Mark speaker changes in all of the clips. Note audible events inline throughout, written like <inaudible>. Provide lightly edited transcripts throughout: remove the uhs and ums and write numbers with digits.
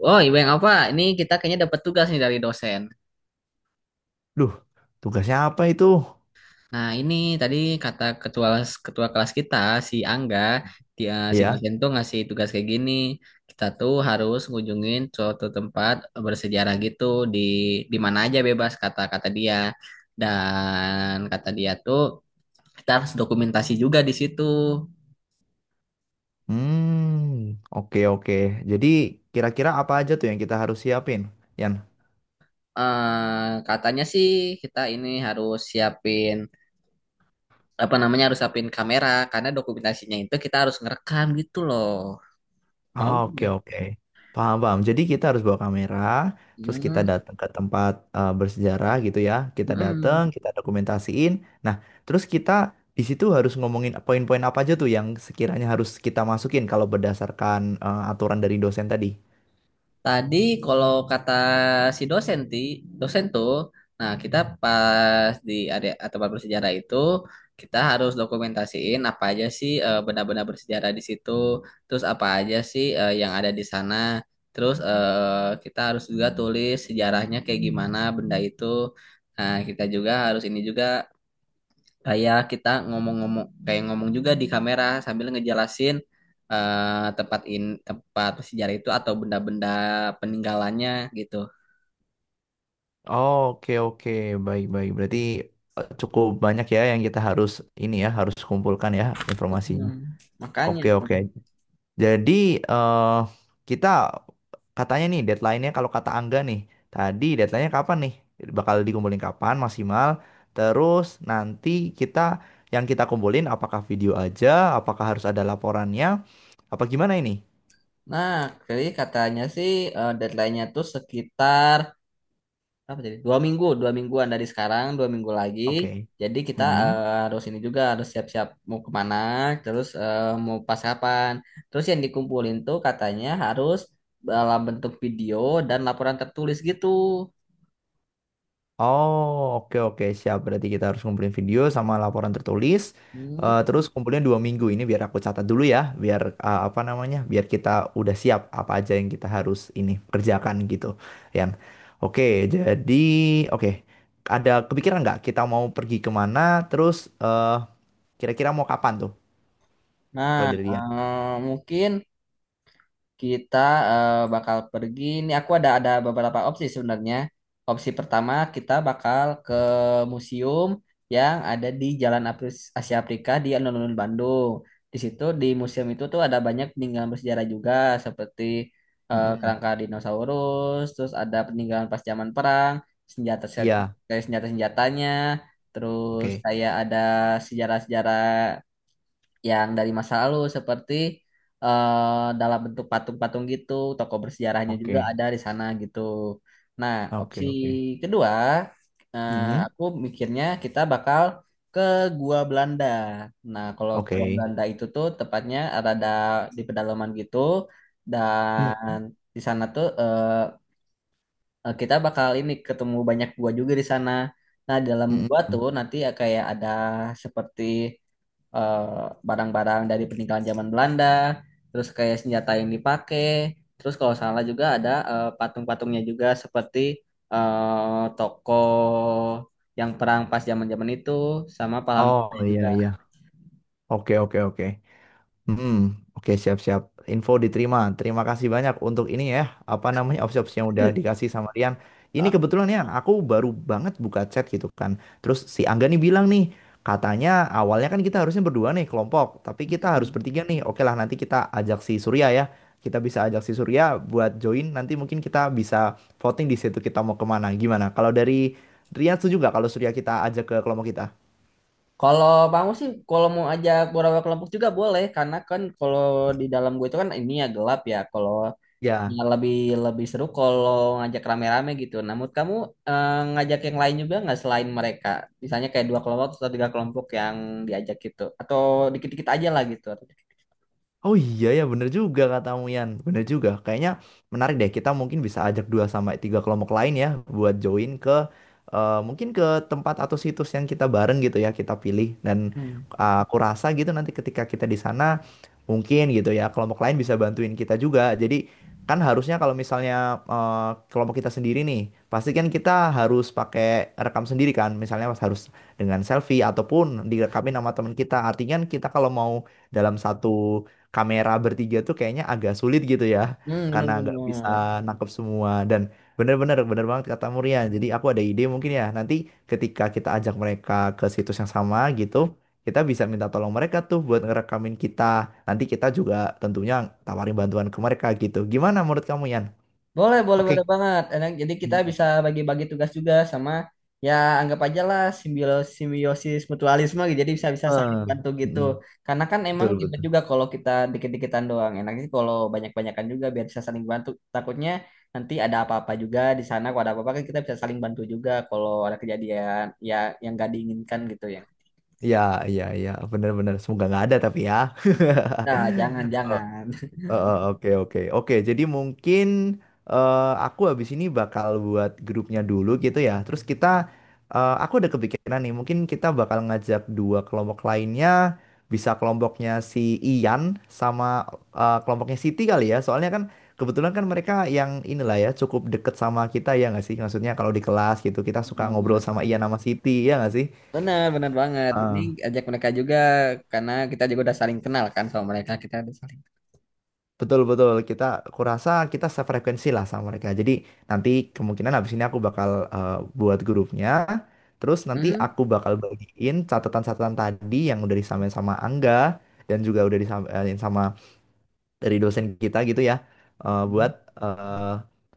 Speaker 1: Oh, Iweng apa? Ini kita kayaknya dapat tugas nih dari dosen.
Speaker 2: Duh, tugasnya apa itu?
Speaker 1: Nah, ini tadi kata ketua ketua kelas kita si Angga, dia si
Speaker 2: Iya.
Speaker 1: dosen tuh ngasih tugas kayak gini. Kita tuh harus ngunjungin suatu tempat bersejarah gitu di di mana aja bebas kata-kata dia. Dan kata dia tuh kita harus dokumentasi juga di situ.
Speaker 2: Hmm, oke oke. Jadi kira-kira apa aja tuh yang kita harus siapin, Yan?
Speaker 1: Katanya sih kita ini harus siapin apa namanya harus siapin kamera karena dokumentasinya itu kita harus ngerekam gitu loh. Mau
Speaker 2: Ah, oke
Speaker 1: nggak?
Speaker 2: oke. Paham paham. Jadi kita harus bawa kamera, terus kita
Speaker 1: Hmm,
Speaker 2: datang ke tempat bersejarah gitu ya. Kita datang,
Speaker 1: hmm.
Speaker 2: kita dokumentasiin. Nah, terus kita di situ harus ngomongin poin-poin apa aja tuh yang sekiranya harus kita masukin kalau berdasarkan aturan dari dosen tadi.
Speaker 1: Tadi kalau kata si dosen tuh, nah kita pas di area atau bersejarah itu kita harus dokumentasiin apa aja sih benda-benda bersejarah di situ, terus apa aja sih yang ada di sana, terus kita harus juga tulis sejarahnya kayak gimana benda itu. Nah, kita juga harus ini juga kayak kita ngomong-ngomong kayak ngomong juga di kamera sambil ngejelasin tempat sejarah itu atau benda-benda peninggalannya gitu.
Speaker 2: Oh, oke, oke, baik, baik. Berarti cukup banyak ya yang kita harus ini ya, harus kumpulkan ya informasinya.
Speaker 1: Hmm, makanya
Speaker 2: Oke,
Speaker 1: tuh.
Speaker 2: oke. Jadi eh kita katanya nih deadline-nya kalau kata Angga nih, tadi deadline-nya kapan nih? Bakal dikumpulin kapan maksimal? Terus nanti kita yang kita kumpulin apakah video aja, apakah harus ada laporannya, apa gimana ini?
Speaker 1: Nah, jadi katanya sih deadline-nya tuh sekitar apa jadi 2 minggu 2 mingguan dari sekarang 2 minggu lagi,
Speaker 2: Oke.
Speaker 1: jadi kita
Speaker 2: Mm-mm.
Speaker 1: harus ini juga harus siap-siap mau kemana, terus mau pas kapan, terus yang dikumpulin tuh katanya harus dalam bentuk video dan laporan tertulis gitu.
Speaker 2: Oh, oke oke siap. Berarti kita harus ngumpulin video sama laporan tertulis.
Speaker 1: Hmm.
Speaker 2: Terus kumpulin dua minggu ini biar aku catat dulu ya, biar apa namanya, biar kita udah siap apa aja yang kita harus ini kerjakan gitu. Yan, oke. Jadi oke, ada kepikiran nggak kita mau pergi kemana? Terus eh, kira-kira mau kapan tuh
Speaker 1: Nah,
Speaker 2: kalau dari Yan?
Speaker 1: mungkin kita bakal pergi. Ini aku ada beberapa opsi sebenarnya. Opsi pertama kita bakal ke museum yang ada di Jalan Asia Afrika di alun-alun Bandung. Di situ di museum itu tuh ada banyak peninggalan bersejarah juga seperti
Speaker 2: Mm-mm.
Speaker 1: kerangka dinosaurus, terus ada peninggalan pas zaman perang, senjata,
Speaker 2: Iya,
Speaker 1: kayak senjata senjatanya, terus
Speaker 2: oke,
Speaker 1: kayak ada sejarah-sejarah yang dari masa lalu seperti dalam bentuk patung-patung gitu, tokoh bersejarahnya juga
Speaker 2: oke,
Speaker 1: ada di sana gitu. Nah,
Speaker 2: oke,
Speaker 1: opsi
Speaker 2: oke.
Speaker 1: kedua, eh,
Speaker 2: Mm-mm.
Speaker 1: aku mikirnya kita bakal ke Gua Belanda. Nah, kalau
Speaker 2: Oke.
Speaker 1: Gua Belanda itu tuh tepatnya ada di pedalaman gitu, dan
Speaker 2: Mm-mm.
Speaker 1: di sana tuh kita bakal ini ketemu banyak gua juga di sana. Nah, dalam gua tuh
Speaker 2: Mm-mm.
Speaker 1: nanti ya kayak ada seperti eh, barang-barang dari peninggalan zaman Belanda, terus kayak senjata yang dipakai, terus kalau salah juga ada patung-patungnya juga seperti tokoh yang perang pas zaman-zaman itu, sama
Speaker 2: Oh,
Speaker 1: pahlawan-pahlawannya juga.
Speaker 2: iya, iya, oke, oke, oke. Hmm, oke siap-siap. Info diterima. Terima kasih banyak untuk ini ya. Apa namanya opsi-opsi yang udah dikasih sama Rian. Ini
Speaker 1: Oh,
Speaker 2: kebetulan ya, aku baru banget buka chat gitu kan. Terus si Angga nih bilang nih, katanya awalnya kan kita harusnya berdua nih kelompok, tapi kita harus
Speaker 1: mm.
Speaker 2: bertiga nih. Oke lah, nanti kita ajak si Surya ya. Kita bisa ajak si Surya buat join. Nanti mungkin kita bisa voting di situ kita mau kemana. Gimana? Kalau dari Rian setuju nggak kalau Surya kita ajak ke kelompok kita?
Speaker 1: Kalau bangun sih, kalau mau ajak beberapa kelompok juga boleh, karena kan kalau di dalam gue itu kan ini ya gelap ya. Kalau
Speaker 2: Ya.
Speaker 1: ya, lebih lebih seru kalau ngajak rame-rame gitu. Namun kamu eh, ngajak yang lain juga nggak selain mereka? Misalnya kayak dua kelompok atau tiga kelompok yang diajak gitu, atau dikit-dikit aja lah gitu.
Speaker 2: Oh, iya ya, bener juga katamu, Yan. Bener juga. Kayaknya menarik deh. Kita mungkin bisa ajak dua sampai tiga kelompok lain ya, buat join ke mungkin ke tempat atau situs yang kita bareng gitu ya, kita pilih. Dan
Speaker 1: Hmm,
Speaker 2: aku rasa gitu nanti ketika kita di sana, mungkin gitu ya, kelompok lain bisa bantuin kita juga. Jadi kan harusnya kalau misalnya kelompok kita sendiri nih, pasti kan kita harus pakai rekam sendiri kan, misalnya harus dengan selfie, ataupun direkamin sama teman kita. Artinya kan kita kalau mau dalam satu kamera bertiga tuh kayaknya agak sulit gitu ya,
Speaker 1: hmm,
Speaker 2: karena nggak bisa
Speaker 1: benar-benar.
Speaker 2: nangkep semua. Dan bener-bener, bener banget kata Murian, jadi aku ada ide mungkin ya, nanti ketika kita ajak mereka ke situs yang sama gitu, kita bisa minta tolong mereka tuh buat ngerekamin kita, nanti kita juga tentunya tawarin bantuan ke mereka gitu. Gimana menurut kamu, Yan?
Speaker 1: Boleh, boleh,
Speaker 2: Oke.
Speaker 1: boleh banget. Enak. Jadi kita
Speaker 2: Hmm.
Speaker 1: bisa bagi-bagi tugas juga sama ya, anggap aja lah simbiosis, simbiosis mutualisme gitu. Jadi bisa-bisa saling
Speaker 2: Eh,
Speaker 1: bantu gitu.
Speaker 2: mm
Speaker 1: Karena kan emang
Speaker 2: betul
Speaker 1: ribet
Speaker 2: betul,
Speaker 1: juga kalau kita dikit-dikitan doang. Enaknya sih kalau banyak-banyakan juga biar bisa saling bantu. Takutnya nanti ada apa-apa juga di sana. Kalau ada apa-apa kan kita bisa saling bantu juga kalau ada kejadian ya, yang gak diinginkan gitu ya.
Speaker 2: ya, ya, ya, bener-bener, semoga nggak ada tapi ya. <laughs>
Speaker 1: Nah, jangan-jangan.
Speaker 2: Oke, oke, oke. Jadi mungkin aku habis ini bakal buat grupnya dulu gitu ya. Terus, aku ada kepikiran nih. Mungkin kita bakal ngajak dua kelompok lainnya. Bisa kelompoknya si Ian sama kelompoknya Siti kali ya. Soalnya kan kebetulan kan mereka yang inilah ya cukup deket sama kita ya nggak sih? Maksudnya kalau di kelas gitu kita suka ngobrol
Speaker 1: Benar, <laughs>
Speaker 2: sama Ian sama Siti ya nggak
Speaker 1: benar benar banget. Mending
Speaker 2: sih?
Speaker 1: ajak mereka juga karena kita juga udah saling kenal kan sama mereka. Kita udah saling.
Speaker 2: Betul betul, kita kurasa kita sefrekuensi lah sama mereka. Jadi nanti kemungkinan habis ini aku bakal eh, buat grupnya. Terus nanti
Speaker 1: Hmm,
Speaker 2: aku bakal bagiin catatan-catatan tadi yang udah disamain sama Angga dan juga udah disamain sama dari dosen kita gitu ya,
Speaker 1: hmm.
Speaker 2: buat eh,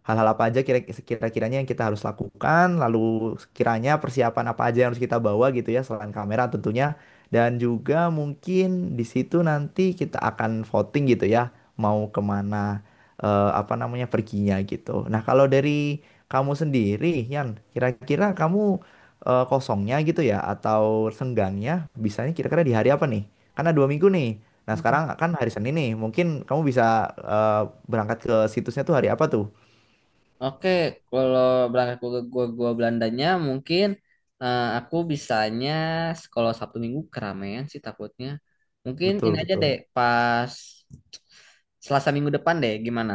Speaker 2: hal-hal apa aja kira-kiranya yang kita harus lakukan, lalu kiranya persiapan apa aja yang harus kita bawa gitu ya, selain kamera tentunya. Dan juga mungkin di situ nanti kita akan voting gitu ya mau kemana, apa namanya, perginya gitu. Nah, kalau dari kamu sendiri Yan, kira-kira kamu kosongnya gitu ya, atau senggangnya bisanya kira-kira di hari apa nih? Karena dua minggu nih. Nah,
Speaker 1: Hmm.
Speaker 2: sekarang kan hari Senin nih. Mungkin kamu bisa eh, berangkat ke situsnya tuh hari apa tuh?
Speaker 1: Oke, kalau berangkat ke gua Belandanya mungkin aku bisanya kalau Sabtu Minggu keramaian sih takutnya. Mungkin ini
Speaker 2: Betul,
Speaker 1: aja deh
Speaker 2: betul.
Speaker 1: pas Selasa minggu depan deh, gimana?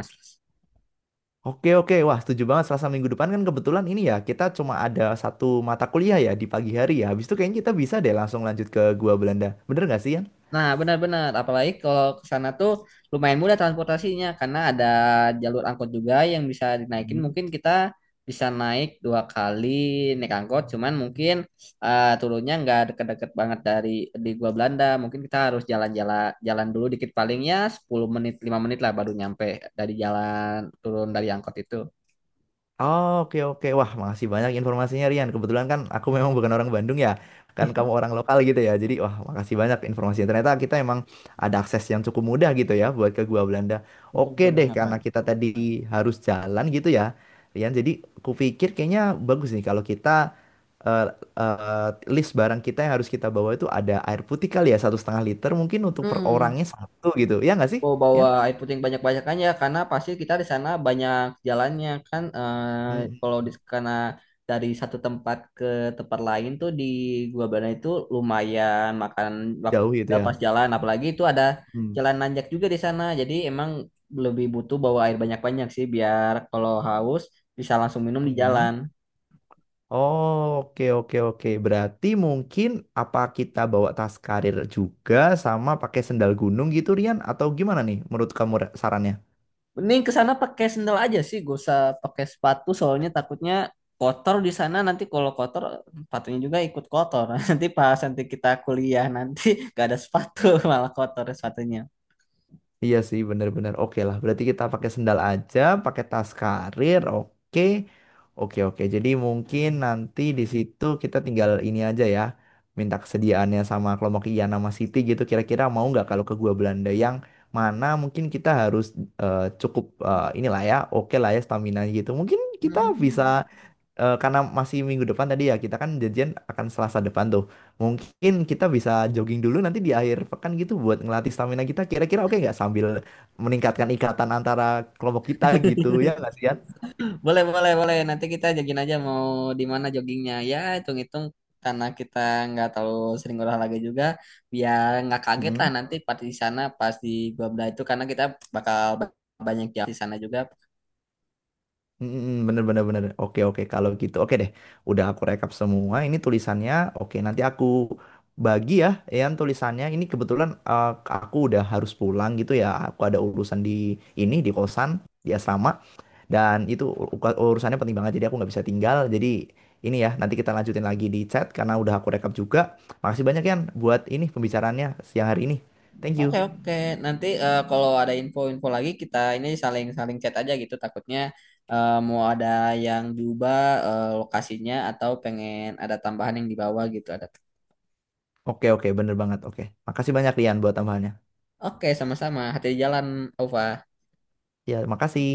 Speaker 2: Oke, oke. Wah, setuju banget. Selasa minggu depan kan kebetulan ini ya, kita cuma ada satu mata kuliah ya di pagi hari ya. Habis itu kayaknya kita bisa deh langsung lanjut ke Gua Belanda. Bener nggak sih,
Speaker 1: Nah, benar-benar. Apalagi kalau ke sana tuh lumayan mudah transportasinya karena ada jalur angkot juga yang bisa dinaikin.
Speaker 2: Yan?
Speaker 1: Mungkin kita bisa naik dua kali naik angkot, cuman mungkin turunnya nggak deket-deket banget dari di gua Belanda. Mungkin kita harus jalan dulu dikit, palingnya 10 menit, 5 menit lah baru nyampe dari jalan turun dari angkot itu.
Speaker 2: Oh, oke oke, wah makasih banyak informasinya, Rian. Kebetulan kan aku memang bukan orang Bandung ya, kan kamu orang lokal gitu ya. Jadi wah, makasih banyak informasinya. Ternyata kita emang ada akses yang cukup mudah gitu ya buat ke Gua Belanda.
Speaker 1: Betul
Speaker 2: Oke
Speaker 1: betul
Speaker 2: deh,
Speaker 1: banget, Pan.
Speaker 2: karena kita tadi harus jalan gitu ya, Rian. Jadi kupikir kayaknya bagus nih kalau kita eh, eh, list barang kita yang harus kita bawa itu ada air putih, kali ya satu setengah liter mungkin untuk per
Speaker 1: Hmm.
Speaker 2: orangnya satu gitu. Ya nggak sih,
Speaker 1: Oh, bawa
Speaker 2: Rian?
Speaker 1: air putih yang banyak-banyakannya karena pasti kita di sana banyak jalannya kan,
Speaker 2: Hmm.
Speaker 1: kalau di karena dari satu tempat ke tempat lain tuh di Gua Bana itu lumayan makan waktu
Speaker 2: Jauh gitu
Speaker 1: juga
Speaker 2: ya.
Speaker 1: pas jalan, apalagi itu ada
Speaker 2: Hmm.
Speaker 1: jalan nanjak juga di sana, jadi emang lebih butuh bawa air banyak-banyak sih biar kalau haus bisa langsung minum di
Speaker 2: Hmm.
Speaker 1: jalan.
Speaker 2: Oke, oke, oke. Berarti mungkin apa kita bawa tas karir juga, sama pakai sendal gunung gitu, Rian? Atau gimana nih menurut kamu, sarannya?
Speaker 1: Mending ke sana pakai sendal aja sih, gak usah pakai sepatu soalnya takutnya kotor di sana, nanti kalau kotor sepatunya juga ikut kotor. <laughs> Nanti pas nanti kita kuliah nanti <laughs> gak ada sepatu <laughs> malah kotor sepatunya.
Speaker 2: Iya sih, bener-bener. Oke lah, berarti kita pakai sendal aja, pakai tas karir. Oke, oke, oke. Jadi mungkin nanti di situ kita tinggal ini aja ya, minta kesediaannya sama kelompok Ian sama Siti gitu. Kira-kira mau nggak kalau ke Gua Belanda, yang mana mungkin kita harus cukup inilah ya, oke lah ya stamina gitu. Mungkin kita bisa
Speaker 1: Hmm.
Speaker 2: karena masih minggu depan tadi ya, kita kan janjian akan Selasa depan tuh. Mungkin kita bisa jogging dulu nanti di akhir pekan gitu buat ngelatih stamina kita. Kira-kira oke nggak, sambil meningkatkan ikatan antara kelompok kita gitu, ya
Speaker 1: <laughs>
Speaker 2: nggak sih Yan?
Speaker 1: Boleh, boleh, boleh. Nanti kita jogging aja, mau di mana joggingnya. Ya, hitung-hitung karena kita nggak terlalu sering olahraga juga, biar nggak kaget lah
Speaker 2: Mm-mm.
Speaker 1: nanti pas di sana, pas di Gua Bela itu karena kita bakal banyak jam di sana juga.
Speaker 2: Mm-mm. Bener bener bener. Oke, oke, kalau gitu oke deh. Udah aku rekap semua. Ini tulisannya. Oke, nanti aku bagi ya Yan tulisannya. Ini kebetulan aku udah harus pulang gitu ya. Aku ada urusan di ini, di kosan, di asrama. Dan itu urusannya penting banget, jadi aku nggak bisa tinggal. Jadi ini ya, nanti kita lanjutin lagi di chat karena udah aku rekap juga. Makasih banyak Yan buat ini pembicaraannya siang hari ini. Thank
Speaker 1: Oke
Speaker 2: you.
Speaker 1: oke, nanti kalau ada info-info lagi kita ini saling-saling chat aja gitu, takutnya mau ada yang diubah lokasinya atau pengen ada tambahan yang dibawa gitu ada.
Speaker 2: Oke, oke, bener banget. Oke, makasih banyak Rian buat tambahannya.
Speaker 1: Oke, sama-sama, hati di jalan Ova.
Speaker 2: Ya, makasih.